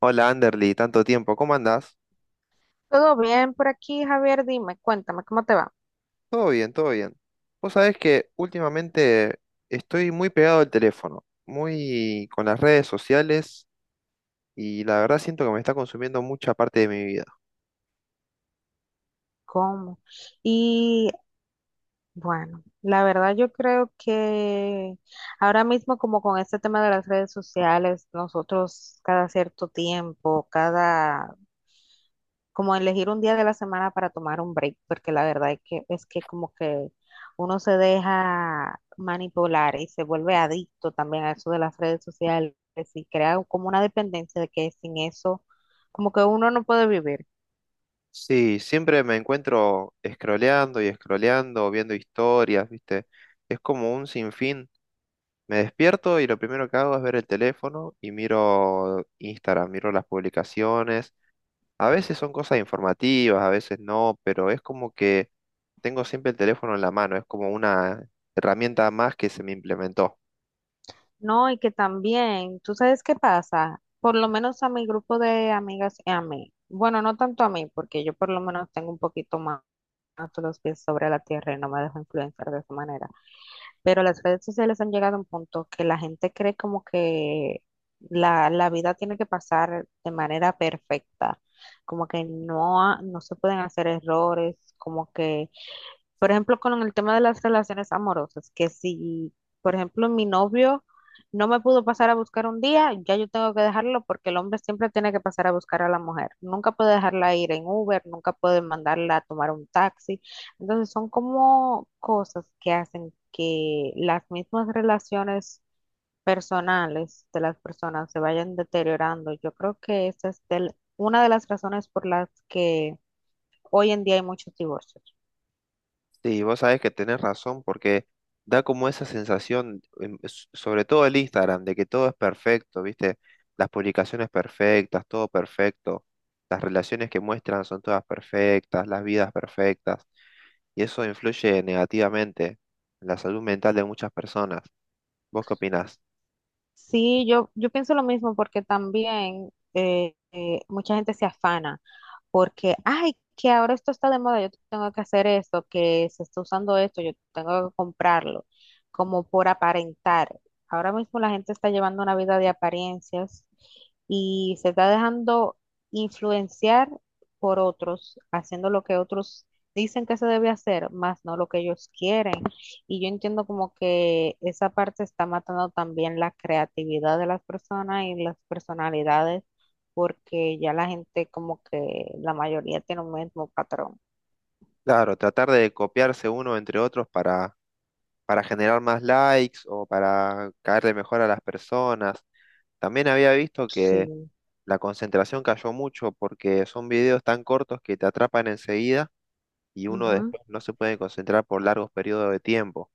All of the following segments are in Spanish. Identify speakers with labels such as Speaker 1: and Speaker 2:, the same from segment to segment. Speaker 1: Hola Anderly, tanto tiempo, ¿cómo andás?
Speaker 2: Todo bien por aquí, Javier, dime, cuéntame, ¿cómo te va?
Speaker 1: Todo bien, todo bien. Vos sabés que últimamente estoy muy pegado al teléfono, muy con las redes sociales y la verdad siento que me está consumiendo mucha parte de mi vida.
Speaker 2: ¿Cómo? Y bueno, la verdad yo creo que ahora mismo como con este tema de las redes sociales, nosotros cada cierto tiempo, cada, como elegir un día de la semana para tomar un break, porque la verdad es que como que uno se deja manipular y se vuelve adicto también a eso de las redes sociales y crea como una dependencia de que sin eso, como que uno no puede vivir.
Speaker 1: Sí, siempre me encuentro scrolleando y scrolleando, viendo historias, ¿viste? Es como un sinfín. Me despierto y lo primero que hago es ver el teléfono y miro Instagram, miro las publicaciones. A veces son cosas informativas, a veces no, pero es como que tengo siempre el teléfono en la mano, es como una herramienta más que se me implementó.
Speaker 2: No, y que también, ¿tú sabes qué pasa? Por lo menos a mi grupo de amigas y a mí. Bueno, no tanto a mí, porque yo por lo menos tengo un poquito más, los pies sobre la tierra y no me dejo influenciar de esa manera. Pero las redes sociales han llegado a un punto que la gente cree como que la vida tiene que pasar de manera perfecta, como que no, no se pueden hacer errores, como que por ejemplo, con el tema de las relaciones amorosas, que si, por ejemplo, mi novio no me pudo pasar a buscar un día, ya yo tengo que dejarlo porque el hombre siempre tiene que pasar a buscar a la mujer. Nunca puede dejarla ir en Uber, nunca puede mandarla a tomar un taxi. Entonces son como cosas que hacen que las mismas relaciones personales de las personas se vayan deteriorando. Yo creo que esa es una de las razones por las que hoy en día hay muchos divorcios.
Speaker 1: Sí, vos sabés que tenés razón porque da como esa sensación, sobre todo el Instagram, de que todo es perfecto, ¿viste? Las publicaciones perfectas, todo perfecto, las relaciones que muestran son todas perfectas, las vidas perfectas, y eso influye negativamente en la salud mental de muchas personas. ¿Vos qué opinás?
Speaker 2: Sí, yo pienso lo mismo porque también mucha gente se afana porque, ay, que ahora esto está de moda, yo tengo que hacer esto, que se está usando esto, yo tengo que comprarlo, como por aparentar. Ahora mismo la gente está llevando una vida de apariencias y se está dejando influenciar por otros, haciendo lo que otros dicen que se debe hacer, más no lo que ellos quieren. Y yo entiendo como que esa parte está matando también la creatividad de las personas y las personalidades porque ya la gente como que la mayoría tiene un mismo patrón.
Speaker 1: Claro, tratar de copiarse uno entre otros para generar más likes o para caerle mejor a las personas. También había visto que
Speaker 2: Sí.
Speaker 1: la concentración cayó mucho porque son videos tan cortos que te atrapan enseguida y uno
Speaker 2: Ujú.
Speaker 1: después no se puede concentrar por largos periodos de tiempo.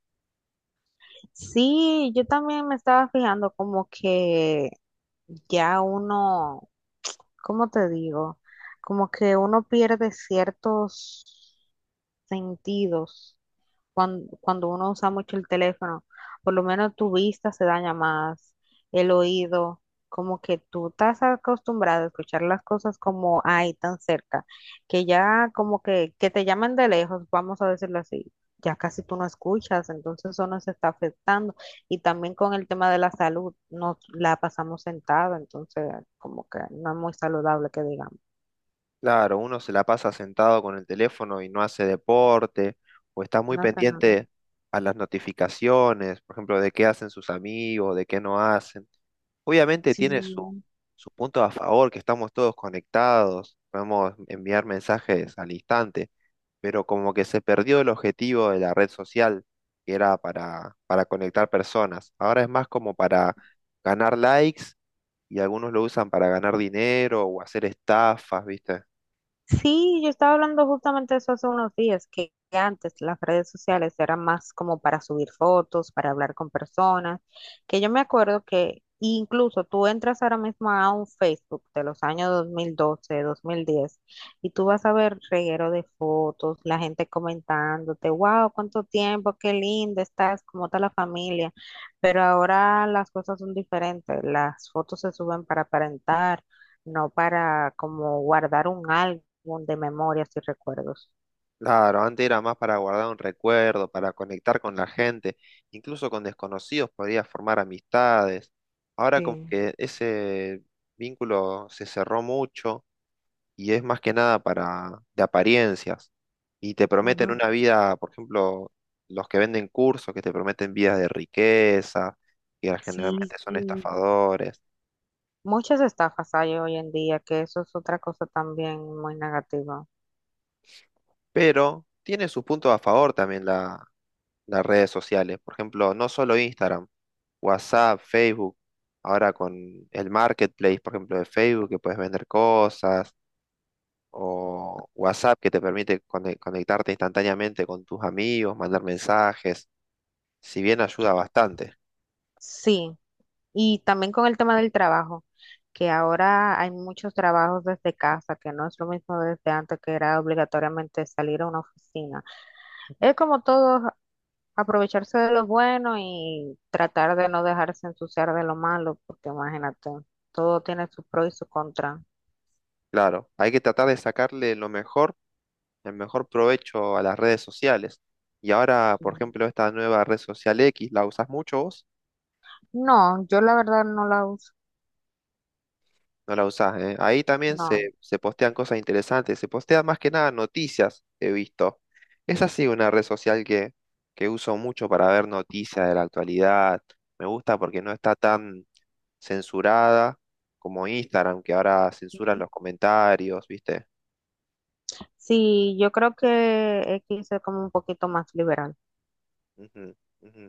Speaker 2: Sí, yo también me estaba fijando como que ya uno, ¿cómo te digo? Como que uno pierde ciertos sentidos uno usa mucho el teléfono, por lo menos tu vista se daña más, el oído, como que tú estás acostumbrado a escuchar las cosas como ahí tan cerca, que ya como que te llaman de lejos, vamos a decirlo así. Ya casi tú no escuchas, entonces eso nos está afectando. Y también con el tema de la salud, nos la pasamos sentada, entonces como que no es muy saludable que digamos.
Speaker 1: Claro, uno se la pasa sentado con el teléfono y no hace deporte, o está muy
Speaker 2: No hace nada.
Speaker 1: pendiente a las notificaciones, por ejemplo, de qué hacen sus amigos, de qué no hacen. Obviamente
Speaker 2: Sí.
Speaker 1: tiene su punto a favor, que estamos todos conectados, podemos enviar mensajes al instante, pero como que se perdió el objetivo de la red social, que era para conectar personas. Ahora es más como para ganar likes y algunos lo usan para ganar dinero o hacer estafas, ¿viste?
Speaker 2: Sí, yo estaba hablando justamente de eso hace unos días, que antes las redes sociales eran más como para subir fotos, para hablar con personas, que yo me acuerdo que incluso tú entras ahora mismo a un Facebook de los años 2012, 2010, y tú vas a ver reguero de fotos, la gente comentándote, wow, cuánto tiempo, qué linda estás, cómo está la familia, pero ahora las cosas son diferentes, las fotos se suben para aparentar. No para como guardar un algo álbum de memorias y recuerdos.
Speaker 1: Claro, antes era más para guardar un recuerdo, para conectar con la gente, incluso con desconocidos podías formar amistades. Ahora como
Speaker 2: Sí.
Speaker 1: que ese vínculo se cerró mucho y es más que nada para de apariencias. Y te prometen
Speaker 2: Ujú.
Speaker 1: una vida, por ejemplo, los que venden cursos que te prometen vidas de riqueza, que
Speaker 2: Sí,
Speaker 1: generalmente son estafadores,
Speaker 2: muchas estafas hay hoy en día, que eso es otra cosa también muy negativa.
Speaker 1: pero tiene sus puntos a favor también las redes sociales. Por ejemplo, no solo Instagram, WhatsApp, Facebook, ahora con el marketplace, por ejemplo, de Facebook, que puedes vender cosas, o WhatsApp, que te permite conectarte instantáneamente con tus amigos, mandar mensajes, si bien ayuda bastante.
Speaker 2: Sí, y también con el tema del trabajo, que ahora hay muchos trabajos desde casa, que no es lo mismo desde antes que era obligatoriamente salir a una oficina. Es como todo, aprovecharse de lo bueno y tratar de no dejarse ensuciar de lo malo, porque imagínate, todo tiene su pro y su contra.
Speaker 1: Claro, hay que tratar de sacarle lo mejor, el mejor provecho a las redes sociales. Y ahora, por ejemplo, esta nueva red social X, ¿la usas mucho vos?
Speaker 2: No, yo la verdad no la uso.
Speaker 1: No la usás, ¿eh? Ahí también
Speaker 2: No.
Speaker 1: se postean cosas interesantes, se postean más que nada noticias, he visto. Es así una red social que uso mucho para ver noticias de la actualidad. Me gusta porque no está tan censurada como Instagram, que ahora censuran
Speaker 2: Ujú.
Speaker 1: los comentarios, ¿viste?
Speaker 2: Sí, yo creo que X es como un poquito más liberal,
Speaker 1: Ujú, ujú.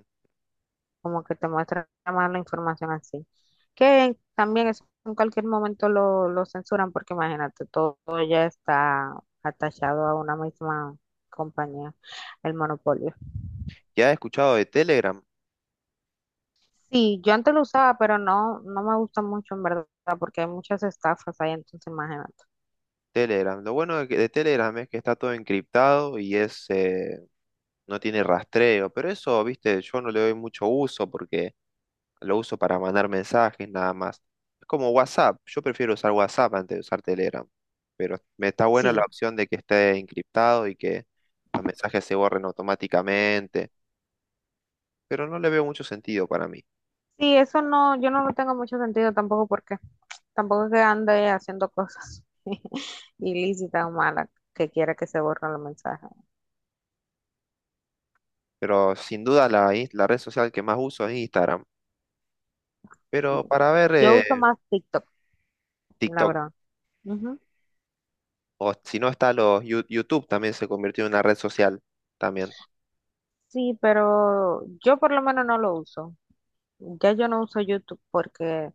Speaker 2: como que te muestra más la información así. Que también es, en cualquier momento lo censuran porque imagínate, todo, ya está atachado a una misma compañía, el monopolio.
Speaker 1: ¿Ya has escuchado de Telegram?
Speaker 2: Sí, yo antes lo usaba, pero no me gusta mucho en verdad porque hay muchas estafas ahí, entonces imagínate.
Speaker 1: Telegram. Lo bueno de Telegram es que está todo encriptado y es, no tiene rastreo, pero eso, ¿viste? Yo no le doy mucho uso porque... Lo uso para mandar mensajes nada más. Es como WhatsApp. Yo prefiero usar WhatsApp antes de usar Telegram. Pero me está buena la
Speaker 2: Sí.
Speaker 1: opción de que esté encriptado y que los mensajes se borren automáticamente. Pero no le veo mucho sentido para mí.
Speaker 2: Sí, eso no, yo no lo tengo mucho sentido tampoco porque tampoco es que ande haciendo cosas ilícitas o malas que quiera que se borren los mensajes.
Speaker 1: Pero sin duda la, la red social que más uso es Instagram.
Speaker 2: Sí.
Speaker 1: Pero para ver
Speaker 2: Yo uso más TikTok, la
Speaker 1: TikTok.
Speaker 2: verdad. Ujú.
Speaker 1: O si no está los YouTube también se convirtió en una red social también.
Speaker 2: Sí, pero yo por lo menos no lo uso. Ya yo no uso YouTube porque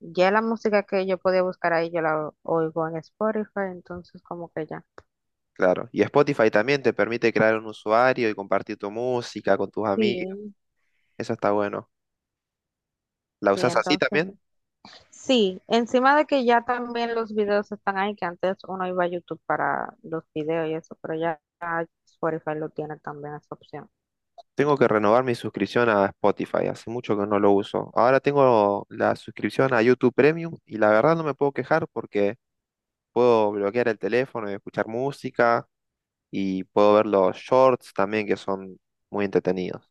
Speaker 2: ya la música que yo podía buscar ahí yo la oigo en Spotify, entonces como que ya.
Speaker 1: Claro. Y Spotify también te permite crear un usuario y compartir tu música con tus amigos.
Speaker 2: Sí.
Speaker 1: Eso está bueno. ¿La
Speaker 2: Sí,
Speaker 1: usás así
Speaker 2: entonces
Speaker 1: también?
Speaker 2: sí, encima de que ya también los videos están ahí, que antes uno iba a YouTube para los videos y eso, pero ya Spotify lo tiene también esa opción.
Speaker 1: Tengo que renovar mi suscripción a Spotify, hace mucho que no lo uso. Ahora tengo la suscripción a YouTube Premium y la verdad no me puedo quejar porque puedo bloquear el teléfono y escuchar música y puedo ver los shorts también que son muy entretenidos.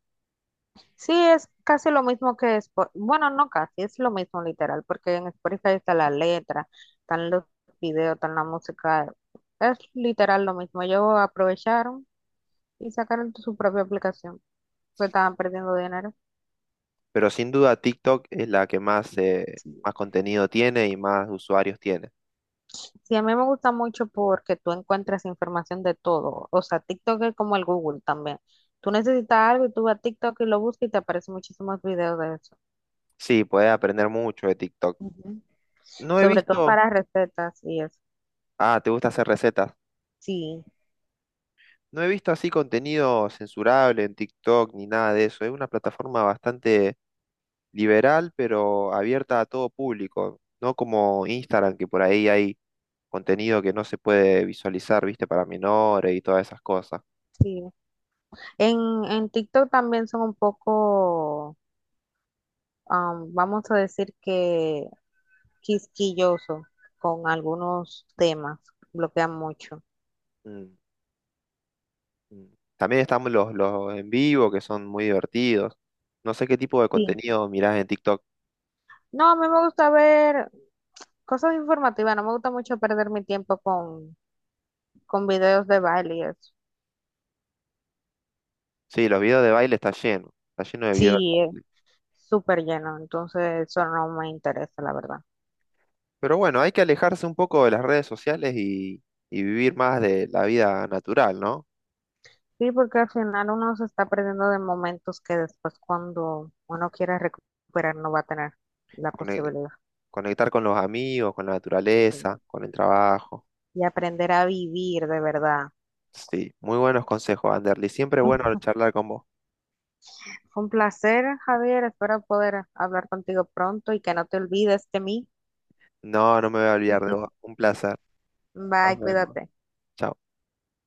Speaker 2: Sí, es casi lo mismo que Spotify, bueno, no casi, es lo mismo literal, porque en Spotify está la letra, están los videos, están la música, es literal lo mismo. Ellos aprovecharon y sacaron su propia aplicación, porque estaban perdiendo dinero.
Speaker 1: Pero sin duda TikTok es la que más, más contenido tiene y más usuarios tiene.
Speaker 2: Sí, a mí me gusta mucho porque tú encuentras información de todo. O sea, TikTok es como el Google también. Tú necesitas algo y tú vas a TikTok y lo buscas y te aparecen muchísimos videos de eso.
Speaker 1: Sí, podés aprender mucho de TikTok.
Speaker 2: Ujú.
Speaker 1: No he
Speaker 2: Sobre todo
Speaker 1: visto...
Speaker 2: para recetas y eso.
Speaker 1: Ah, ¿te gusta hacer recetas?
Speaker 2: Sí,
Speaker 1: No he visto así contenido censurable en TikTok ni nada de eso. Es una plataforma bastante liberal, pero abierta a todo público, no como Instagram, que por ahí hay contenido que no se puede visualizar, viste, para menores y todas esas cosas.
Speaker 2: sí. En TikTok también son un poco, vamos a decir que quisquilloso con algunos temas. Bloquean mucho.
Speaker 1: Mm, mm. También estamos los, en vivo, que son muy divertidos. No sé qué tipo de
Speaker 2: Sí.
Speaker 1: contenido mirás en TikTok.
Speaker 2: No, a mí me gusta ver cosas informativas. No me gusta mucho perder mi tiempo con videos de baile y eso.
Speaker 1: Sí, los videos de baile está lleno de videos.
Speaker 2: Sí, es súper lleno, entonces eso no me interesa, la verdad.
Speaker 1: Pero bueno, hay que alejarse un poco de las redes sociales y, vivir más de la vida natural, ¿no?
Speaker 2: Sí, porque al final uno se está perdiendo de momentos que después cuando uno quiera recuperar no va a tener la
Speaker 1: Cone-
Speaker 2: posibilidad.
Speaker 1: Conectar con los amigos, con la
Speaker 2: Y
Speaker 1: naturaleza, con el trabajo.
Speaker 2: y aprender a vivir de verdad.
Speaker 1: Sí, muy buenos consejos, Anderly. Siempre bueno charlar con vos.
Speaker 2: Fue un placer, Javier. Espero poder hablar contigo pronto y que no te olvides de mí.
Speaker 1: No, no me voy a olvidar de vos. Un placer. Nos
Speaker 2: Bye,
Speaker 1: vemos.
Speaker 2: cuídate.
Speaker 1: Chao.